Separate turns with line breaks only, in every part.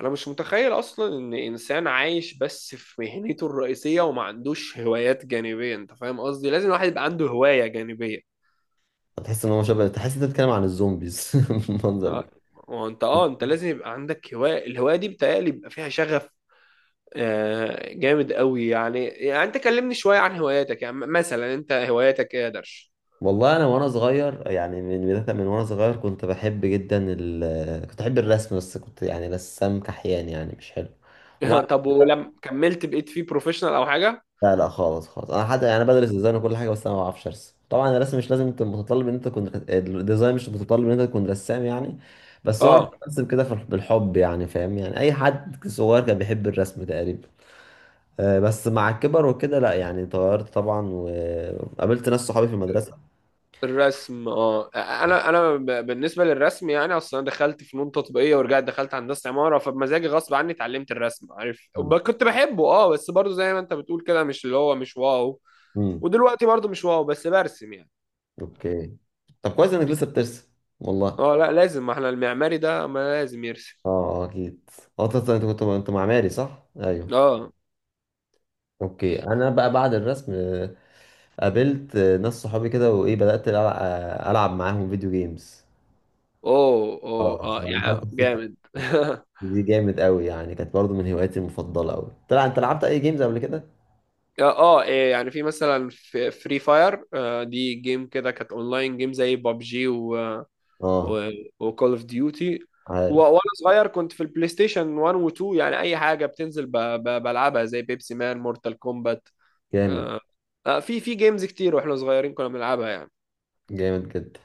انا مش متخيل اصلا ان انسان عايش بس في مهنته الرئيسيه وما عندوش هوايات جانبيه، انت فاهم قصدي؟ لازم الواحد يبقى عنده هوايه جانبيه.
تحس ان هو شبه، تحس انت بتتكلم عن الزومبيز المنظر ده.
وانت انت لازم يبقى عندك هوايه، الهوايه دي بتهيألي يبقى فيها شغف. جامد قوي. يعني انت كلمني شويه عن هواياتك، يعني مثلا انت هواياتك ايه يا درش؟
والله انا وانا صغير يعني من وانا صغير كنت بحب جدا كنت بحب الرسم، بس كنت يعني رسام كحيان يعني مش حلو. ومع
طب ولما كملت بقيت فيه بروفيشنال او حاجه؟
لا لا، خالص. انا حتى يعني بدرس ديزاين وكل حاجه، بس انا ما بعرفش ارسم. طبعا الرسم مش لازم، انت متطلب ان انت تكون، الديزاين مش متطلب ان انت تكون رسام يعني. بس هو انا كنت
اه
برسم كده بالحب يعني، فاهم يعني، اي حد صغير كان بيحب الرسم تقريبا. بس مع الكبر وكده لا، يعني اتغيرت طبعا، وقابلت ناس صحابي في المدرسة.
الرسم، اه انا بالنسبه للرسم، يعني اصلا أنا دخلت فنون تطبيقيه ورجعت دخلت هندسه عماره، فبمزاجي غصب عني اتعلمت الرسم، عارف؟
مم.
كنت بحبه، اه بس برضه زي ما انت بتقول كده مش اللي هو مش واو.
مم.
ودلوقتي برضه مش واو بس برسم يعني.
اوكي. طب كويس انك لسه بترسم. والله اه،
اه لا لازم، ما احنا المعماري ده ما لازم يرسم.
اكيد. اه انت، أنت كنت انت معماري صح؟ ايوه
اه
اوكي. انا بقى بعد الرسم، قابلت ناس صحابي كده، وايه، بدأت العب معاهم فيديو جيمز.
اوه
اه
اوه اه يعني
دخلت في سكة.
جامد
دي جامد قوي يعني، كانت برضو من هواياتي المفضلة قوي. طلع انت لعبت اي جيمز قبل كده؟
اه إيه؟ يعني في مثلا فري فاير، دي جيم كده كانت اونلاين جيم زي بابجي
اه
وكول اوف ديوتي.
عارف.
وانا صغير كنت في البلاي ستيشن 1 و2، يعني اي حاجه بتنزل بلعبها زي بيبسي مان، مورتال كومبات.
جامد.
آه. آه في في جيمز كتير واحنا صغيرين كنا بنلعبها يعني.
جامد جدا.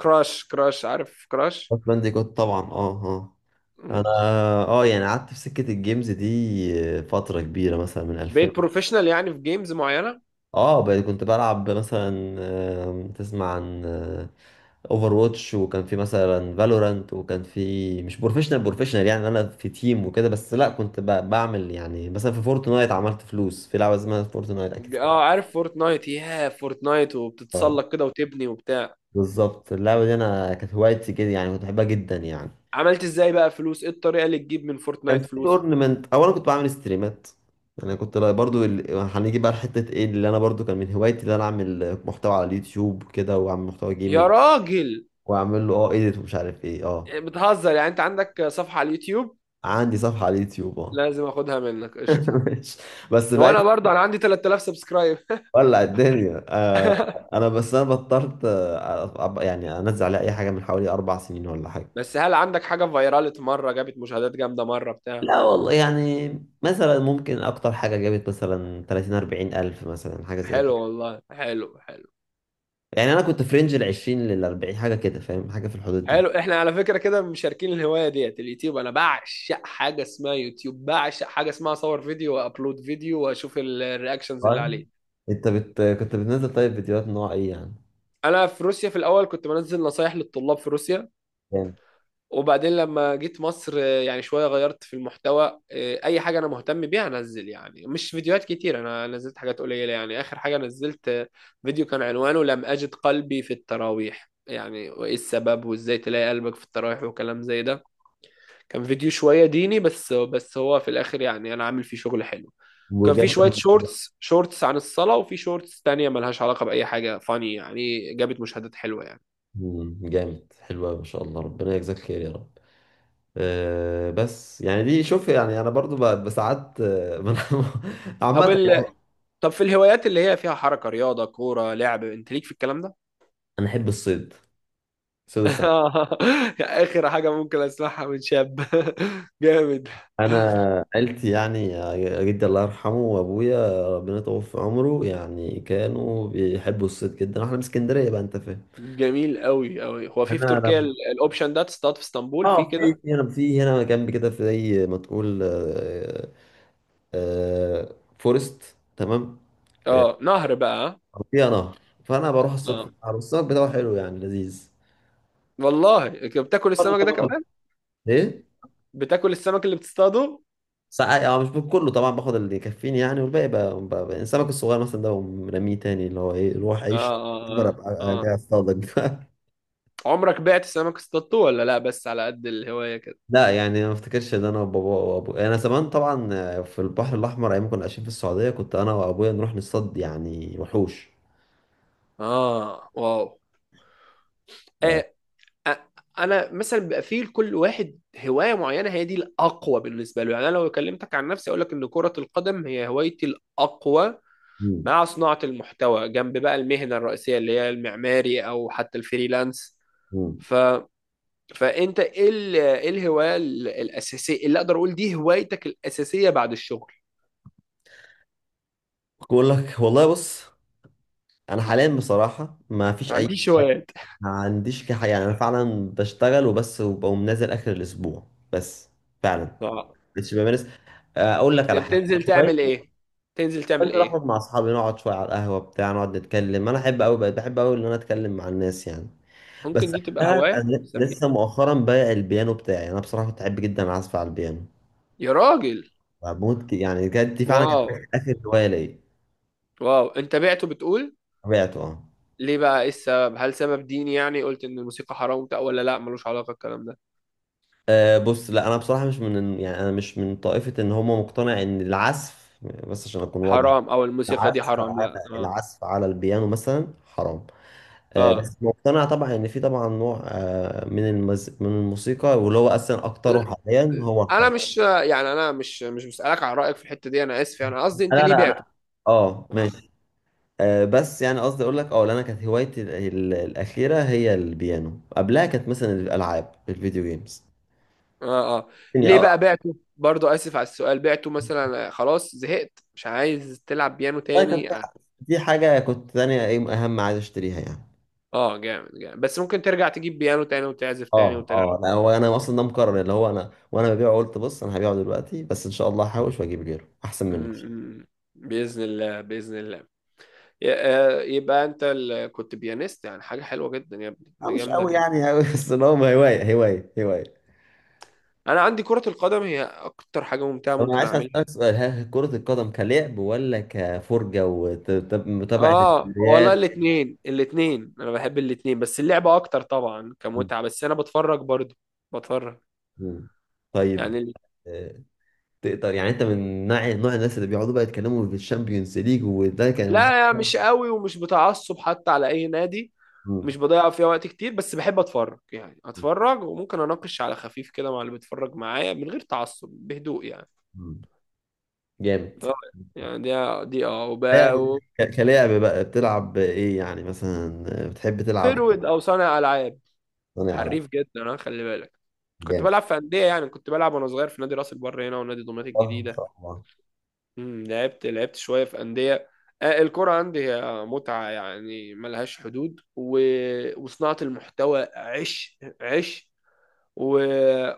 كراش، كراش، عارف كراش؟
كراش بانديكوت طبعا، اه اه. انا
مم.
اه يعني قعدت في سكة الجيمز دي فترة كبيرة، مثلا من 2000.
بقيت بروفيشنال يعني في جيمز معينه؟
اه بقى كنت بلعب مثلا، تسمع عن اوفر واتش، وكان في مثلا فالورانت، وكان في، مش بروفيشنال بروفيشنال يعني، انا في تيم وكده، بس لا كنت بعمل يعني مثلا في فورتنايت، عملت فلوس في لعبة اسمها فورتنايت اكيد.
اه عارف فورتنايت، ياه فورتنايت
اه
وبتتسلق كده وتبني وبتاع.
بالظبط. اللعبة دي انا كانت هوايتي كده يعني، كنت بحبها جدا يعني.
عملت ازاي بقى فلوس؟ ايه الطريقه اللي تجيب من
كان
فورتنايت
في
فلوس؟
اورنمنت، اولا كنت بعمل ستريمات. يعني كنت هنيجي بقى لحته ايه، اللي انا برضو كان من هوايتي، اللي انا اعمل محتوى على اليوتيوب كده، واعمل محتوى
يا
جيمنج،
راجل،
واعمل له اه ايديت ومش عارف ايه. اه
بتهزر؟ يعني انت عندك صفحه على اليوتيوب؟
عندي صفحه على اليوتيوب اه.
لازم اخدها منك قشطه.
ماشي. بس بقى،
وانا برضه انا عندي 3000 سبسكرايب.
ولع الدنيا. انا بس انا بطلت، يعني انزل عليها اي حاجه من حوالي اربع سنين ولا حاجه.
بس هل عندك حاجه فايرالت مره، جابت مشاهدات جامده مره بتاع؟
لا والله يعني، مثلا ممكن اكتر حاجه جابت مثلا 30 40 الف، مثلا حاجه زي
حلو
كده
والله، حلو حلو.
يعني. انا كنت في رينج ال 20 لل 40، حاجه كده فاهم، حاجه في الحدود
حلو،
دي.
احنا على فكره كده مشاركين الهوايه ديت، اليوتيوب. انا بعشق حاجه اسمها يوتيوب، بعشق حاجه اسمها اصور فيديو وابلود فيديو واشوف الرياكشنز اللي
طيب.
عليه.
كنت بتنزل طيب فيديوهات نوع ايه يعني؟
انا في روسيا في الاول كنت بنزل نصايح للطلاب في روسيا،
جامد.
وبعدين لما جيت مصر يعني شوية غيرت في المحتوى، أي حاجة أنا مهتم بيها أنزل. يعني مش فيديوهات كتير، أنا نزلت حاجات قليلة. يعني آخر حاجة نزلت فيديو كان عنوانه لم أجد قلبي في التراويح، يعني وإيه السبب وإزاي تلاقي قلبك في التراويح وكلام زي ده. كان فيديو شوية ديني، بس بس هو في الآخر يعني أنا عامل فيه شغل حلو. كان في
وجاب
شوية
كم؟
شورتس، شورتس عن الصلاة، وفي شورتس تانية ملهاش علاقة بأي حاجة فاني، يعني جابت مشاهدات حلوة يعني.
مم، جامد. حلو أوي، ما شاء الله، ربنا يجزاك خير يا رب. أه بس يعني دي، شوف يعني انا برضو بساعات، عامه
طب
يعني.
ال- طب في الهوايات اللي هي فيها حركة، رياضة، كورة، لعب، انت ليك في الكلام ده؟
انا احب الصيد، صيد السمك.
اخر حاجة ممكن اسمعها من شاب. جامد،
انا عيلتي يعني، جدي الله يرحمه وابويا ربنا يطول في عمره، يعني كانوا بيحبوا الصيد جدا. احنا من اسكندريه بقى، انت فاهم.
جميل قوي قوي. هو في في
انا
تركيا الاوبشن ده، تصطاد في اسطنبول في
اه في
كده؟
في هنا في هنا جنب كده، في زي ما تقول، فورست تمام،
اه نهر بقى؟ ها؟
أو فيها نهر. فانا بروح اصطاد في
اه
النهر، والسمك بتاعه حلو يعني، لذيذ.
والله، بتاكل
برضه
السمك ده
طبعا.
كمان؟
ايه.
بتاكل السمك اللي بتصطاده؟
ساعات اه، مش كله طبعا، باخد اللي يكفيني يعني، والباقي بقى, السمك الصغير مثلا ده، برميه تاني، اللي هو ايه، روح عيش،
اه
أكبر
اه اه
ابقى أجي
اه.
اصطادك
عمرك بعت سمك اصطادته ولا لا، بس على قد الهواية كده؟
لا يعني أنا ما افتكرش ان انا وابويا، انا زمان طبعا في البحر الاحمر، ايام ما كنا عايشين في السعوديه، كنت انا وابويا نروح نصطاد يعني وحوش.
اه واو.
ف...
آه، أ- انا مثلا بيبقى فيه لكل واحد هوايه معينه هي دي الاقوى بالنسبه له. يعني انا لو كلمتك عن نفسي اقول لك ان كره القدم هي هوايتي الاقوى،
مم.
مع صناعه المحتوى جنب بقى المهنه الرئيسيه اللي هي المعماري او حتى الفريلانس.
مم.
ف فانت ايه ايه الهوايه الاساسيه اللي اقدر اقول دي هوايتك الاساسيه بعد الشغل؟
بقول لك والله، بص، انا حاليا بصراحه ما فيش
ما
اي
عنديش
حاجه.
هوايات؟
ما عنديش حاجه يعني، انا فعلا بشتغل وبس، وبقوم نازل اخر الاسبوع بس، فعلا.
اه
مش بمارس. اقول لك على
يعني
حاجه،
بتنزل
انا
تعمل
هوايتي،
ايه؟ تنزل تعمل
بنزل
ايه؟
اخرج مع اصحابي، نقعد شويه على القهوه بتاع، نقعد نتكلم. انا احب قوي، بقيت بحب قوي ان انا اتكلم مع الناس يعني. بس
ممكن دي تبقى
انا،
هوايه
أنا
نسميها.
لسه مؤخرا بايع البيانو بتاعي. انا بصراحه كنت احب جدا اعزف على البيانو،
يا راجل،
بموت يعني. كانت دي فعلا كانت
واو
اخر هوايه ليا.
واو، انت بعته بتقول؟
بعته اه.
ليه بقى؟ ايه السبب؟ هل سبب ديني، يعني قلت ان الموسيقى حرام وبتاع، ولا لا ملوش علاقة الكلام ده؟
أه بص، لا انا بصراحه مش من، يعني انا مش من طائفه ان هم مقتنع ان العزف، بس عشان اكون واضح،
حرام او الموسيقى دي
العزف
حرام؟
على
لا اه
العزف على البيانو مثلا حرام. أه
اه
بس مقتنع طبعا ان في طبعا نوع أه من الموسيقى، واللي هو اصلا اكتره حاليا هو
انا
الحرام.
مش، يعني انا مش بسألك على رأيك في الحتة دي، انا اسف، يعني قصدي انت
انا
ليه
انا انا
بعته؟
اه
اه
ماشي. أه بس يعني قصدي اقول لك، اه لأن انا كانت هوايتي الاخيره هي البيانو. قبلها كانت مثلا الالعاب، الفيديو جيمز
اه آه.
يعني،
ليه
اه
بقى بعته برضو؟ اسف على السؤال. بعته مثلا خلاص زهقت مش عايز تلعب بيانو
والله كانت
تاني؟ اه
في، دي حاجه كنت تانية، ايه اهم، عايز اشتريها يعني.
جامد جامد. بس ممكن ترجع تجيب بيانو تاني وتعزف تاني
اه
وتلعب؟
اه لا هو انا اصلا ده مقرر، اللي هو انا وانا ببيعه قلت بص، انا هبيعه دلوقتي بس ان شاء الله هحوش واجيب غيره احسن
م-
منه.
م. بإذن الله بإذن الله. يبقى انت كنت بيانيست يعني؟ حاجه حلوه جدا يا ابني،
اه
دي
مش
جامده
قوي
جدا.
يعني، قوي بس اللي هو هوايه هوايه.
انا عندي كره القدم هي اكتر حاجه ممتعه
طب انا
ممكن
عايز
اعملها.
اسالك سؤال، ها، كرة القدم كلعب، ولا كفرجة ومتابعة
اه والله
الدوريات؟
الاثنين الاثنين، انا بحب الاثنين، بس اللعبه اكتر طبعا
م-
كمتعه، بس انا بتفرج برضو. بتفرج،
م. طيب.
يعني
آه، تقدر يعني، انت من نوع، نوع الناس اللي بيقعدوا بقى يتكلموا في الشامبيونز ليج، وده كان
لا مش
م-
قوي ومش بتعصب حتى على اي نادي. مش
م-
بضيع فيها وقت كتير، بس بحب اتفرج، يعني اتفرج وممكن اناقش على خفيف كده مع اللي بيتفرج معايا من غير تعصب، بهدوء يعني.
م. جامد.
اه يعني دي دي اه
لعب، كلعب بقى بتلعب ايه يعني مثلا، بتحب تلعب.
فيرود او صانع العاب.
صانع العاب؟
حريف جدا انا خلي بالك. كنت
جامد.
بلعب في انديه، يعني كنت بلعب وانا صغير في نادي راس البر هنا ونادي دمياط
اه ان
الجديده.
شاء الله.
لعبت شويه في انديه. الكرة عندي هي متعة يعني ملهاش حدود، وصناعة المحتوى عش عش، و...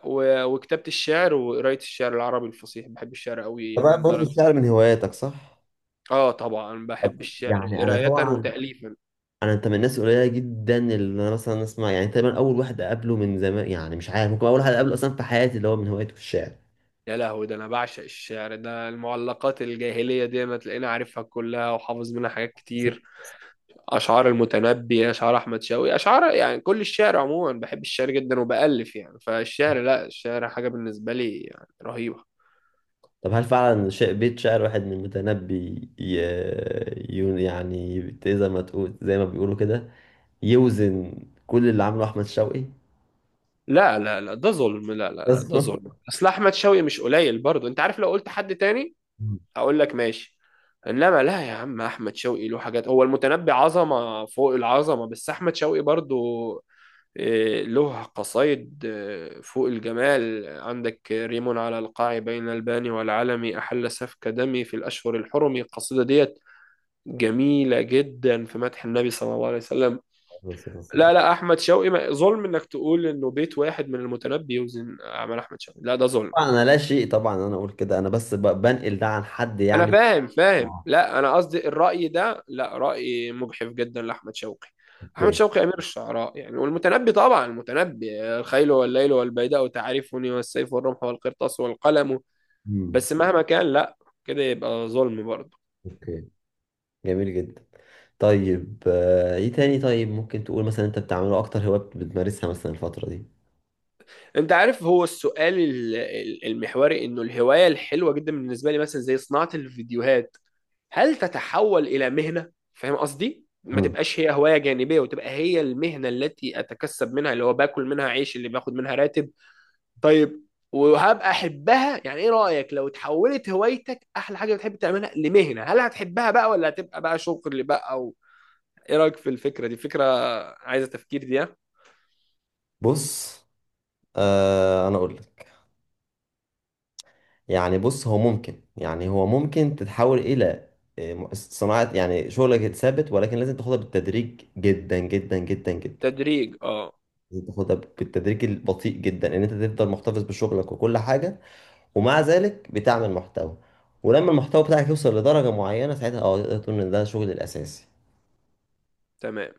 وكتابة الشعر وقراية الشعر العربي الفصيح. بحب الشعر قوي
انت
يعني
بقى برضه
لدرجة.
الشعر من هواياتك صح؟
اه طبعا بحب
طب
الشعر،
يعني انا
قراية
طبعا،
وتأليفا.
انا، انت من الناس القليله جدا اللي انا مثلا اسمع، يعني تقريبا اول واحد اقابله من زمان، يعني مش عارف، ممكن اول واحد اقابله اصلا في حياتي اللي هو من هوايته الشعر.
يا لهوي، ده انا بعشق الشعر ده. المعلقات الجاهليه دي ما تلاقيني عارفها كلها وحافظ منها حاجات كتير. اشعار المتنبي، اشعار احمد شوقي، اشعار يعني كل الشعر عموما بحب الشعر جدا وبالف يعني. فالشعر لا، الشعر حاجه بالنسبه لي يعني رهيبه.
طب هل فعلا بيت شعر واحد من المتنبي ي... يعني زي ما تقول، زي ما بيقولوا كده، يوزن كل اللي عمله احمد شوقي؟
لا لا لا ده ظلم، لا لا لا ده ظلم. اصل احمد شوقي مش قليل برضه، انت عارف، لو قلت حد تاني اقول لك ماشي. انما لا، يا عم احمد شوقي له حاجات. هو المتنبي عظمه فوق العظمه، بس احمد شوقي برضو له قصايد فوق الجمال. عندك ريم على القاع بين الباني والعلمي أحل سفك دمي في الأشهر الحرم، القصيدة ديت جميلة جدا في مدح النبي صلى الله عليه وسلم. لا لا، أحمد شوقي ظلم إنك تقول إنه بيت واحد من المتنبي يوزن أعمال أحمد شوقي، لا ده ظلم.
طبعا انا لا شيء، طبعا انا اقول كده، انا بس بنقل ده عن حد
انا
يعني.
فاهم فاهم،
اه
لا انا قصدي الرأي ده، لا رأي مجحف جدا لاحمد شوقي. احمد
اوكي.
شوقي امير الشعراء يعني. والمتنبي طبعا، المتنبي الخيل والليل والبيداء تعرفني والسيف والرمح والقرطاس والقلم.
امم،
بس مهما كان، لا كده يبقى ظلم برضه.
اوكي جميل جدا. طيب ايه تاني، طيب ممكن تقول مثلا انت بتعمله اكتر هواية بتمارسها مثلا الفترة دي؟
انت عارف هو السؤال المحوري، انه الهواية الحلوة جدا بالنسبة لي مثلا زي صناعة الفيديوهات، هل تتحول الى مهنه؟ فاهم قصدي؟ ما
مم.
تبقاش هي هوايه جانبيه، وتبقى هي المهنه التي اتكسب منها، اللي هو باكل منها عيش، اللي باخد منها راتب. طيب، وهبقى احبها؟ يعني ايه رايك لو تحولت هوايتك، احلى حاجه بتحب تعملها، لمهنه؟ هل هتحبها بقى ولا هتبقى بقى شغل بقى؟ او ايه رايك في الفكره دي؟ فكره عايزه تفكير دي، ها؟
بص، آه انا اقول لك، يعني بص، هو ممكن تتحول الى، صناعة يعني، شغلك ثابت، ولكن لازم تاخدها بالتدريج، جدا.
تدريج، اه
لازم تاخدها بالتدريج البطيء جدا، ان انت تفضل محتفظ بشغلك وكل حاجة، ومع ذلك بتعمل محتوى. ولما المحتوى بتاعك يوصل لدرجة معينة، ساعتها اه تقدر تقول ان ده شغل الأساسي.
تمام.